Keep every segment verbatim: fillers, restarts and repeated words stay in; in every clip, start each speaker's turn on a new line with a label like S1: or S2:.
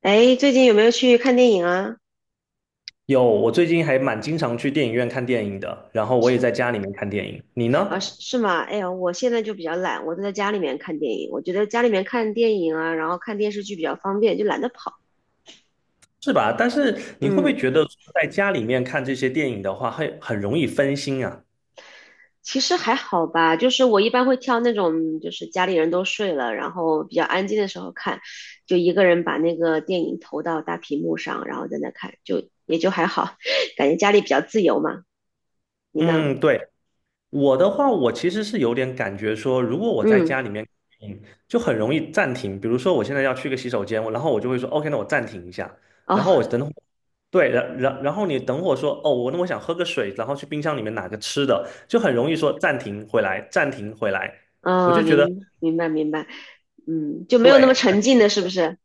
S1: 哎，最近有没有去看电影啊？
S2: 有，我最近还蛮经常去电影院看电影的，然后我也在家里面看电影。你
S1: 啊，是
S2: 呢？
S1: 是吗？哎呀，我现在就比较懒，我都在家里面看电影。我觉得家里面看电影啊，然后看电视剧比较方便，就懒得跑。
S2: 是吧？但是你会不会
S1: 嗯，
S2: 觉得在家里面看这些电影的话，会很容易分心啊？
S1: 其实还好吧，就是我一般会挑那种就是家里人都睡了，然后比较安静的时候看，就一个人把那个电影投到大屏幕上，然后在那看，就也就还好，感觉家里比较自由嘛。你呢？
S2: 嗯，对，我的话，我其实是有点感觉说，如果我在
S1: 嗯，
S2: 家里面看电影就很容易暂停。比如说，我现在要去个洗手间，我然后我就会说，OK，那我暂停一下，
S1: 哦，
S2: 然后我等会。对，然然然后你等会说，哦，我那我想喝个水，然后去冰箱里面拿个吃的，就很容易说暂停回来，暂停回来。我
S1: 哦，
S2: 就觉得。
S1: 明明白明白，嗯，就没有那么
S2: 对，
S1: 沉浸的，是不是？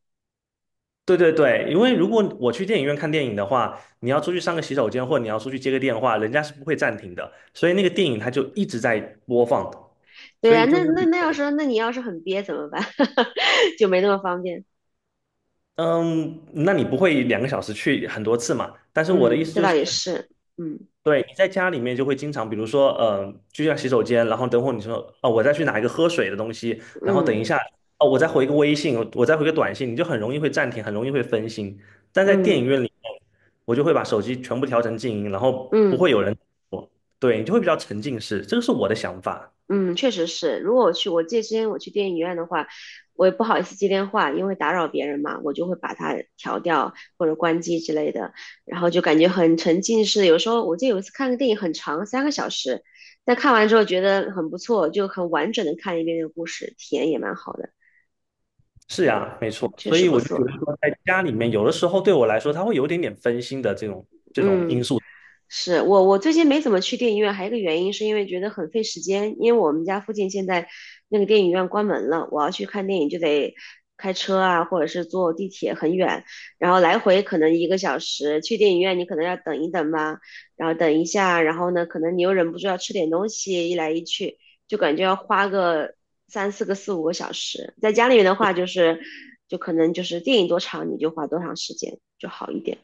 S2: 对对对，因为如果我去电影院看电影的话，你要出去上个洗手间，或者你要出去接个电话，人家是不会暂停的，所以那个电影它就一直在播放的。
S1: 对
S2: 所
S1: 呀、
S2: 以就
S1: 那
S2: 是
S1: 那
S2: 比。
S1: 那要是那你要是很憋怎么办？就没那么方便。
S2: 嗯，那你不会两个小时去很多次嘛？但是我的意
S1: 嗯，
S2: 思
S1: 这
S2: 就
S1: 倒
S2: 是。
S1: 也是。嗯
S2: 对，你在家里面就会经常，比如说，呃，就像洗手间，然后等会儿你说，哦，我再去拿一个喝水的东西，然后等
S1: 嗯
S2: 一下，哦，我再回个微信，我再回个短信，你就很容易会暂停，很容易会分心。但在电影
S1: 嗯
S2: 院里面，我就会把手机全部调成静音，然后不
S1: 嗯
S2: 会有人。我。对，你就会比较沉浸式，这个是我的想法。
S1: 嗯，确实是。如果我去，我记得之前我去电影院的话，我也不好意思接电话，因为打扰别人嘛，我就会把它调掉或者关机之类的，然后就感觉很沉浸式。有时候我记得有一次看个电影很长，三个小时，但看完之后觉得很不错，就很完整的看一遍那个故事，体验也蛮好的。
S2: 是
S1: 对，
S2: 呀，没错，
S1: 确
S2: 所
S1: 实
S2: 以
S1: 不
S2: 我就觉得
S1: 错。
S2: 说，在家里面，有的时候对我来说，它会有一点点分心的这种这种因
S1: 嗯。
S2: 素。
S1: 是我，我最近没怎么去电影院，还有一个原因是因为觉得很费时间，因为我们家附近现在那个电影院关门了，我要去看电影就得开车啊，或者是坐地铁很远，然后来回可能一个小时，去电影院你可能要等一等吧，然后等一下，然后呢，可能你又忍不住要吃点东西，一来一去就感觉要花个三四个四五个小时，在家里面的话就是，就可能就是电影多长你就花多长时间就好一点，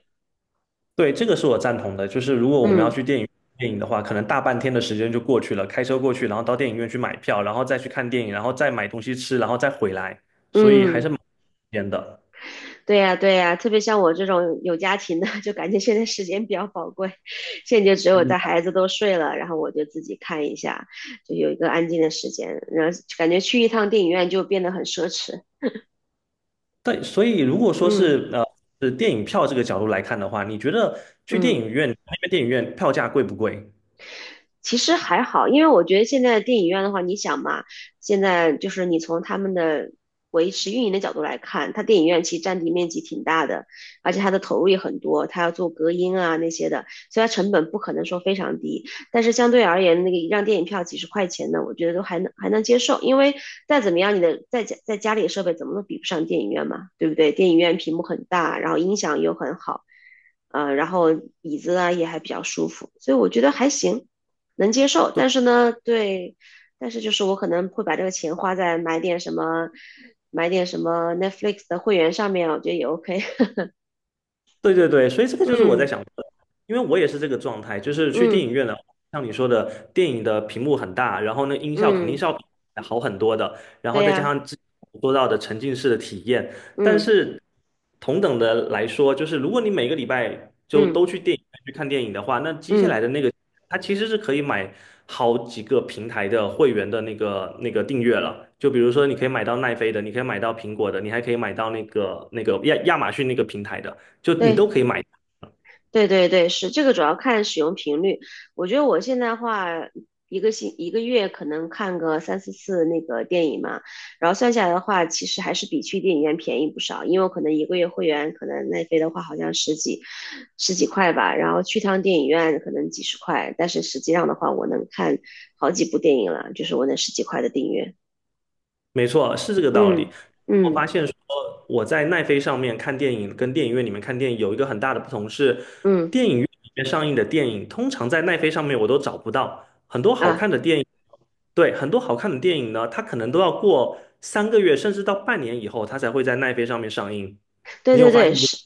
S2: 对，这个是我赞同的。就是如果我们要
S1: 嗯
S2: 去电影电影的话，可能大半天的时间就过去了，开车过去，然后到电影院去买票，然后再去看电影，然后再买东西吃，然后再回来，所以还
S1: 嗯。
S2: 是蛮时的。
S1: 对呀，对呀，特别像我这种有家庭的，就感觉现在时间比较宝贵，现在就只有
S2: 嗯，
S1: 在孩子都睡了，然后我就自己看一下，就有一个安静的时间，然后感觉去一趟电影院就变得很奢侈。
S2: 对，所以如果说
S1: 嗯
S2: 是呃是电影票这个角度来看的话，你觉得去电
S1: 嗯。
S2: 影院那边电影院票价贵不贵？
S1: 其实还好，因为我觉得现在的电影院的话，你想嘛，现在就是你从他们的维持运营的角度来看，它电影院其实占地面积挺大的，而且它的投入也很多，它要做隔音啊那些的，所以它成本不可能说非常低。但是相对而言，那个一张电影票几十块钱呢，我觉得都还能还能接受，因为再怎么样，你的在家在家里的设备怎么都比不上电影院嘛，对不对？电影院屏幕很大，然后音响又很好，呃，然后椅子啊也还比较舒服，所以我觉得还行。能接受，但是呢，对，但是就是我可能会把这个钱花在买点什么，买点什么 Netflix 的会员上面，我觉得也 OK。
S2: 对对对，所以这个就是我在
S1: 嗯
S2: 想的，因为我也是这个状态，就是去电
S1: 嗯
S2: 影院了，像你说的，电影的屏幕很大，然后那音效肯定
S1: 嗯，
S2: 是要好很多的，然
S1: 对
S2: 后再加
S1: 呀、
S2: 上之前我说到的沉浸式的体验，但
S1: 嗯
S2: 是同等的来说，就是如果你每个礼拜就
S1: 嗯
S2: 都去电影院去看电影的话，那接下来
S1: 嗯，
S2: 的那个，它其实是可以买好几个平台的会员的那个那个订阅了。就比如说，你可以买到奈飞的，你可以买到苹果的，你还可以买到那个那个亚亚马逊那个平台的。就你
S1: 对。
S2: 都可以买。
S1: 对对对，是这个主要看使用频率。我觉得我现在话一个星一个月可能看个三四次那个电影嘛，然后算下来的话，其实还是比去电影院便宜不少。因为我可能一个月会员，可能奈飞的话好像十几十几块吧，然后去趟电影院可能几十块，但是实际上的话，我能看好几部电影了，就是我那十几块的订阅。
S2: 没错，是这个道理。
S1: 嗯
S2: 我
S1: 嗯
S2: 发现说我在奈飞上面看电影，跟电影院里面看电影有一个很大的不同是，
S1: 嗯
S2: 电影院里面上映的电影，通常在奈飞上面我都找不到很多好看
S1: 啊。
S2: 的电影。对，很多好看的电影呢，它可能都要过三个月甚至到半年以后，它才会在奈飞上面上映。
S1: 对
S2: 你有
S1: 对
S2: 发
S1: 对，
S2: 现这？
S1: 是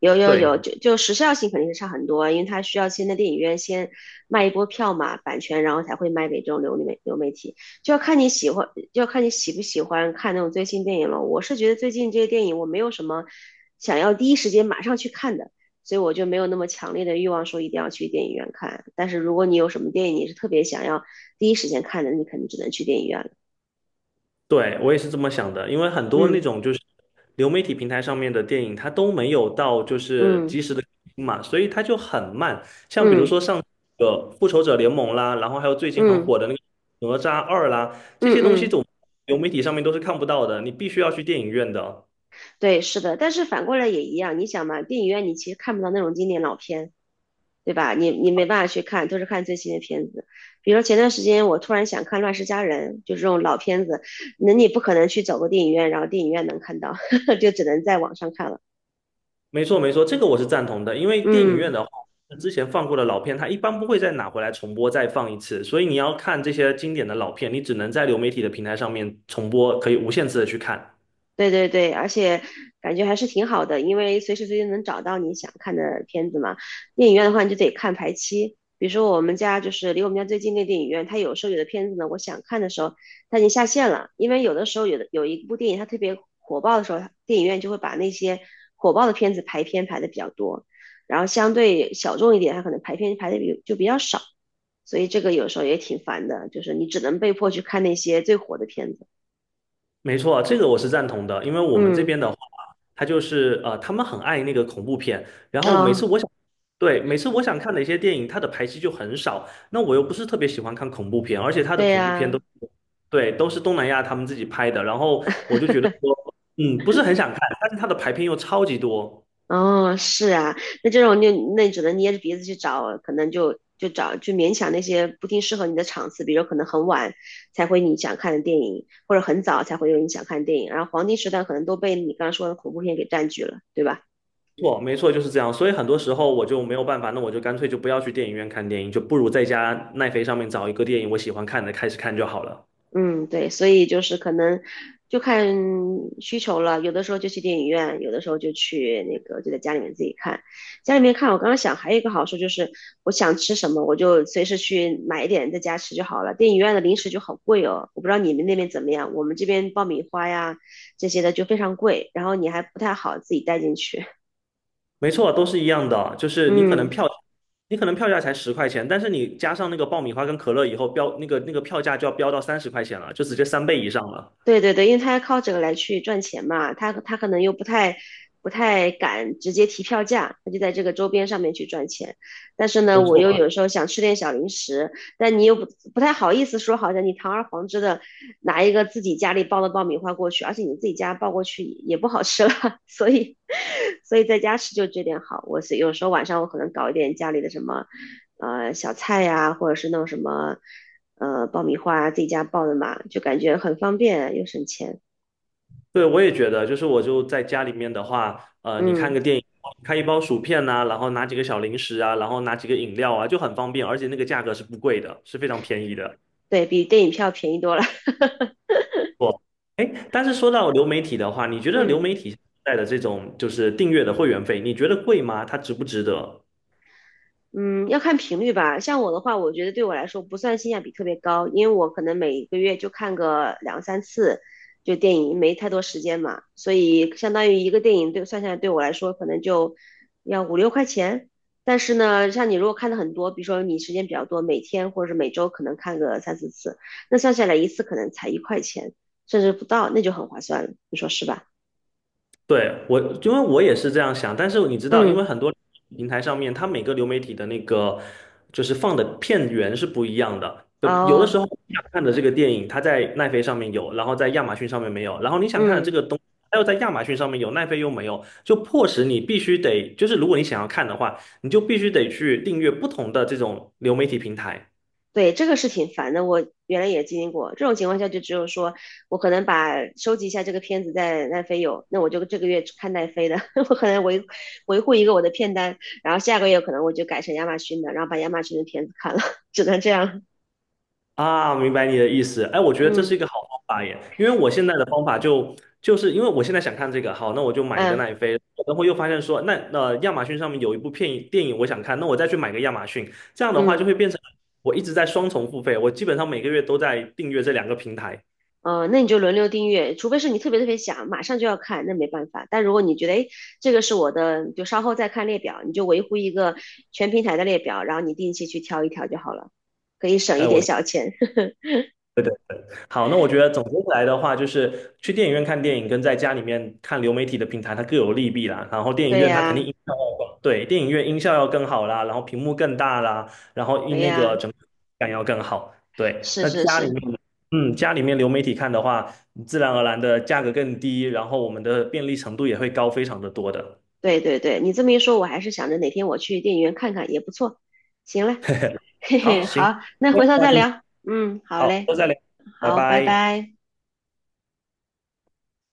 S1: 有有
S2: 对。
S1: 有，就就时效性肯定是差很多，因为它需要先在电影院先卖一波票嘛，版权，然后才会卖给这种流媒流媒体，就要看你喜欢，就要看你喜不喜欢看那种最新电影了。我是觉得最近这些电影我没有什么想要第一时间马上去看的，所以我就没有那么强烈的欲望说一定要去电影院看。但是如果你有什么电影你是特别想要第一时间看的，你肯定只能去电影院了。
S2: 对，我也是这么想的，因为很多那种就是流媒体平台上面的电影，它都没有到就是
S1: 嗯
S2: 及时的更新嘛，所以它就很慢。像比如
S1: 嗯
S2: 说上个《复仇者联盟》啦，然后还有最近很
S1: 嗯
S2: 火的那个《哪吒二》啦，
S1: 嗯
S2: 这
S1: 嗯
S2: 些东
S1: 嗯
S2: 西
S1: 嗯。嗯
S2: 总流媒体上面都是看不到的，你必须要去电影院的。
S1: 对，是的，但是反过来也一样，你想嘛，电影院你其实看不到那种经典老片，对吧？你你没办法去看，都是看最新的片子。比如说前段时间我突然想看《乱世佳人》，就是这种老片子，那你不可能去走个电影院，然后电影院能看到，就只能在网上看了。
S2: 没错，没错，这个我是赞同的，因为电影院
S1: 嗯。
S2: 的话，之前放过的老片，它一般不会再拿回来重播再放一次，所以你要看这些经典的老片，你只能在流媒体的平台上面重播，可以无限次的去看。
S1: 对对对，而且感觉还是挺好的，因为随时随地能找到你想看的片子嘛。电影院的话，你就得看排期。比如说我们家就是离我们家最近那电影院，它有时候有的片子呢，我想看的时候它已经下线了，因为有的时候有的有一部电影它特别火爆的时候，电影院就会把那些火爆的片子排片排的比较多，然后相对小众一点，它可能排片排的比就比较少，所以这个有时候也挺烦的，就是你只能被迫去看那些最火的片子。
S2: 没错，这个我是赞同的，因为我们这
S1: 嗯
S2: 边的嗯话，他就是呃，他们很爱那个恐怖片，然后每
S1: 啊，
S2: 次我想，对，每次我想看的一些电影，它的排期就很少，那我又不是特别喜欢看恐怖片，而且它的
S1: 对
S2: 恐怖片
S1: 呀。
S2: 都，对，都是东南亚他们自己拍的，然后我就觉得说，嗯，不是很想看，但是它的排片又超级多，
S1: 哦，是啊，那这种就那你只能捏着鼻子去找，可能就就找就勉强那些不定适合你的场次，比如可能很晚才会你想看的电影，或者很早才会有你想看的电影，然后黄金时段可能都被你刚刚说的恐怖片给占据了，对吧？
S2: 错，没错，就是这样，所以很多时候我就没有办法，那我就干脆就不要去电影院看电影，就不如在家奈飞上面找一个电影我喜欢看的开始看就好了。
S1: 嗯，对，所以就是可能就看需求了，有的时候就去电影院，有的时候就去那个就在家里面自己看。家里面看，我刚刚想还有一个好处就是，我想吃什么我就随时去买一点在家吃就好了。电影院的零食就好贵哦，我不知道你们那边怎么样，我们这边爆米花呀这些的就非常贵，然后你还不太好自己带进去。
S2: 没错，都是一样的，就 是你可能
S1: 嗯。
S2: 票，你可能票价才十块钱，但是你加上那个爆米花跟可乐以后，标那个那个票价就要飙到三十块钱了，就直接三倍以上了。
S1: 对对对，因为他要靠这个来去赚钱嘛，他他可能又不太不太敢直接提票价，他就在这个周边上面去赚钱。但是呢，
S2: 没
S1: 我又
S2: 错，
S1: 有时候想吃点小零食，但你又不不太好意思说，好像你堂而皇之的拿一个自己家里包的爆米花过去，而且你自己家包过去也不好吃了，所以所以在家吃就这点好。我是有时候晚上我可能搞一点家里的什么呃小菜呀、或者是弄什么。呃爆米花自己家爆的嘛，就感觉很方便又省钱。
S2: 对，我也觉得，就是我就在家里面的话，呃，你看
S1: 嗯，
S2: 个电影，开一包薯片呐、然后拿几个小零食啊，然后拿几个饮料啊，就很方便，而且那个价格是不贵的，是非常便宜的。
S1: 对比电影票便宜多了。
S2: 错，哎，但是说到流媒体的话，你觉得流
S1: 嗯。
S2: 媒体带的这种就是订阅的会员费，你觉得贵吗？它值不值得？
S1: 嗯，要看频率吧。像我的话，我觉得对我来说不算性价比特别高，因为我可能每个月就看个两三次，就电影没太多时间嘛，所以相当于一个电影对算下来对我来说可能就要五六块钱。但是呢，像你如果看的很多，比如说你时间比较多，每天或者是每周可能看个三四次，那算下来一次可能才一块钱，甚至不到，那就很划算了，你说是吧？
S2: 对，我，因为我也是这样想，但是你知道，因为
S1: 嗯，
S2: 很多平台上面，它每个流媒体的那个就是放的片源是不一样的。呃有的时
S1: 哦，
S2: 候你想看的这个电影，它在奈飞上面有，然后在亚马逊上面没有，然后你想看的这
S1: 嗯。
S2: 个东，它又在亚马逊上面有，奈飞又没有，就迫使你必须得，就是如果你想要看的话，你就必须得去订阅不同的这种流媒体平台。
S1: 对，这个是挺烦的，我原来也经历过。这种情况下，就只有说我可能把收集一下这个片子在奈飞有，那我就这个月只看奈飞的，我可能维维护一个我的片单，然后下个月可能我就改成亚马逊的，然后把亚马逊的片子看了，只能这样。
S2: 啊，明白你的意思。哎，我觉得这是
S1: 嗯
S2: 一个好方法耶，因为我现在的方法就就是因为我现在想看这个，好，那我就买一个
S1: 嗯
S2: 奈飞，然后又发现说，那呃亚马逊上面有一部片电影我想看，那我再去买个亚马逊，这样的话就
S1: 嗯，
S2: 会变成我一直在双重付费，我基本上每个月都在订阅这两个平台。
S1: 呃，那你就轮流订阅，除非是你特别特别想马上就要看，那没办法。但如果你觉得，哎，这个是我的，就稍后再看列表，你就维护一个全平台的列表，然后你定期去挑一挑就好了，可以省一
S2: 哎，
S1: 点
S2: 我
S1: 小钱。
S2: 好，那我觉得总结起来的话，就是去电影院看电影跟在家里面看流媒体的平台，它各有利弊啦。然后电影
S1: 对
S2: 院它肯定
S1: 呀，
S2: 音效要更，对，电影院音效要更好啦，然后屏幕更大啦，然后音
S1: 对
S2: 那个
S1: 呀，
S2: 整体感要更好。对，
S1: 是
S2: 那
S1: 是
S2: 家里
S1: 是，
S2: 面，嗯，家里面流媒体看的话，自然而然的价格更低，然后我们的便利程度也会高非常的多的。
S1: 对对对，你这么一说，我还是想着哪天我去电影院看看也不错。行了，嘿
S2: 好，
S1: 嘿，
S2: 行，
S1: 好，那回头
S2: 那
S1: 再
S2: 今天
S1: 聊。嗯，好
S2: 好，
S1: 嘞，
S2: 都再聊，拜
S1: 好，拜
S2: 拜。
S1: 拜。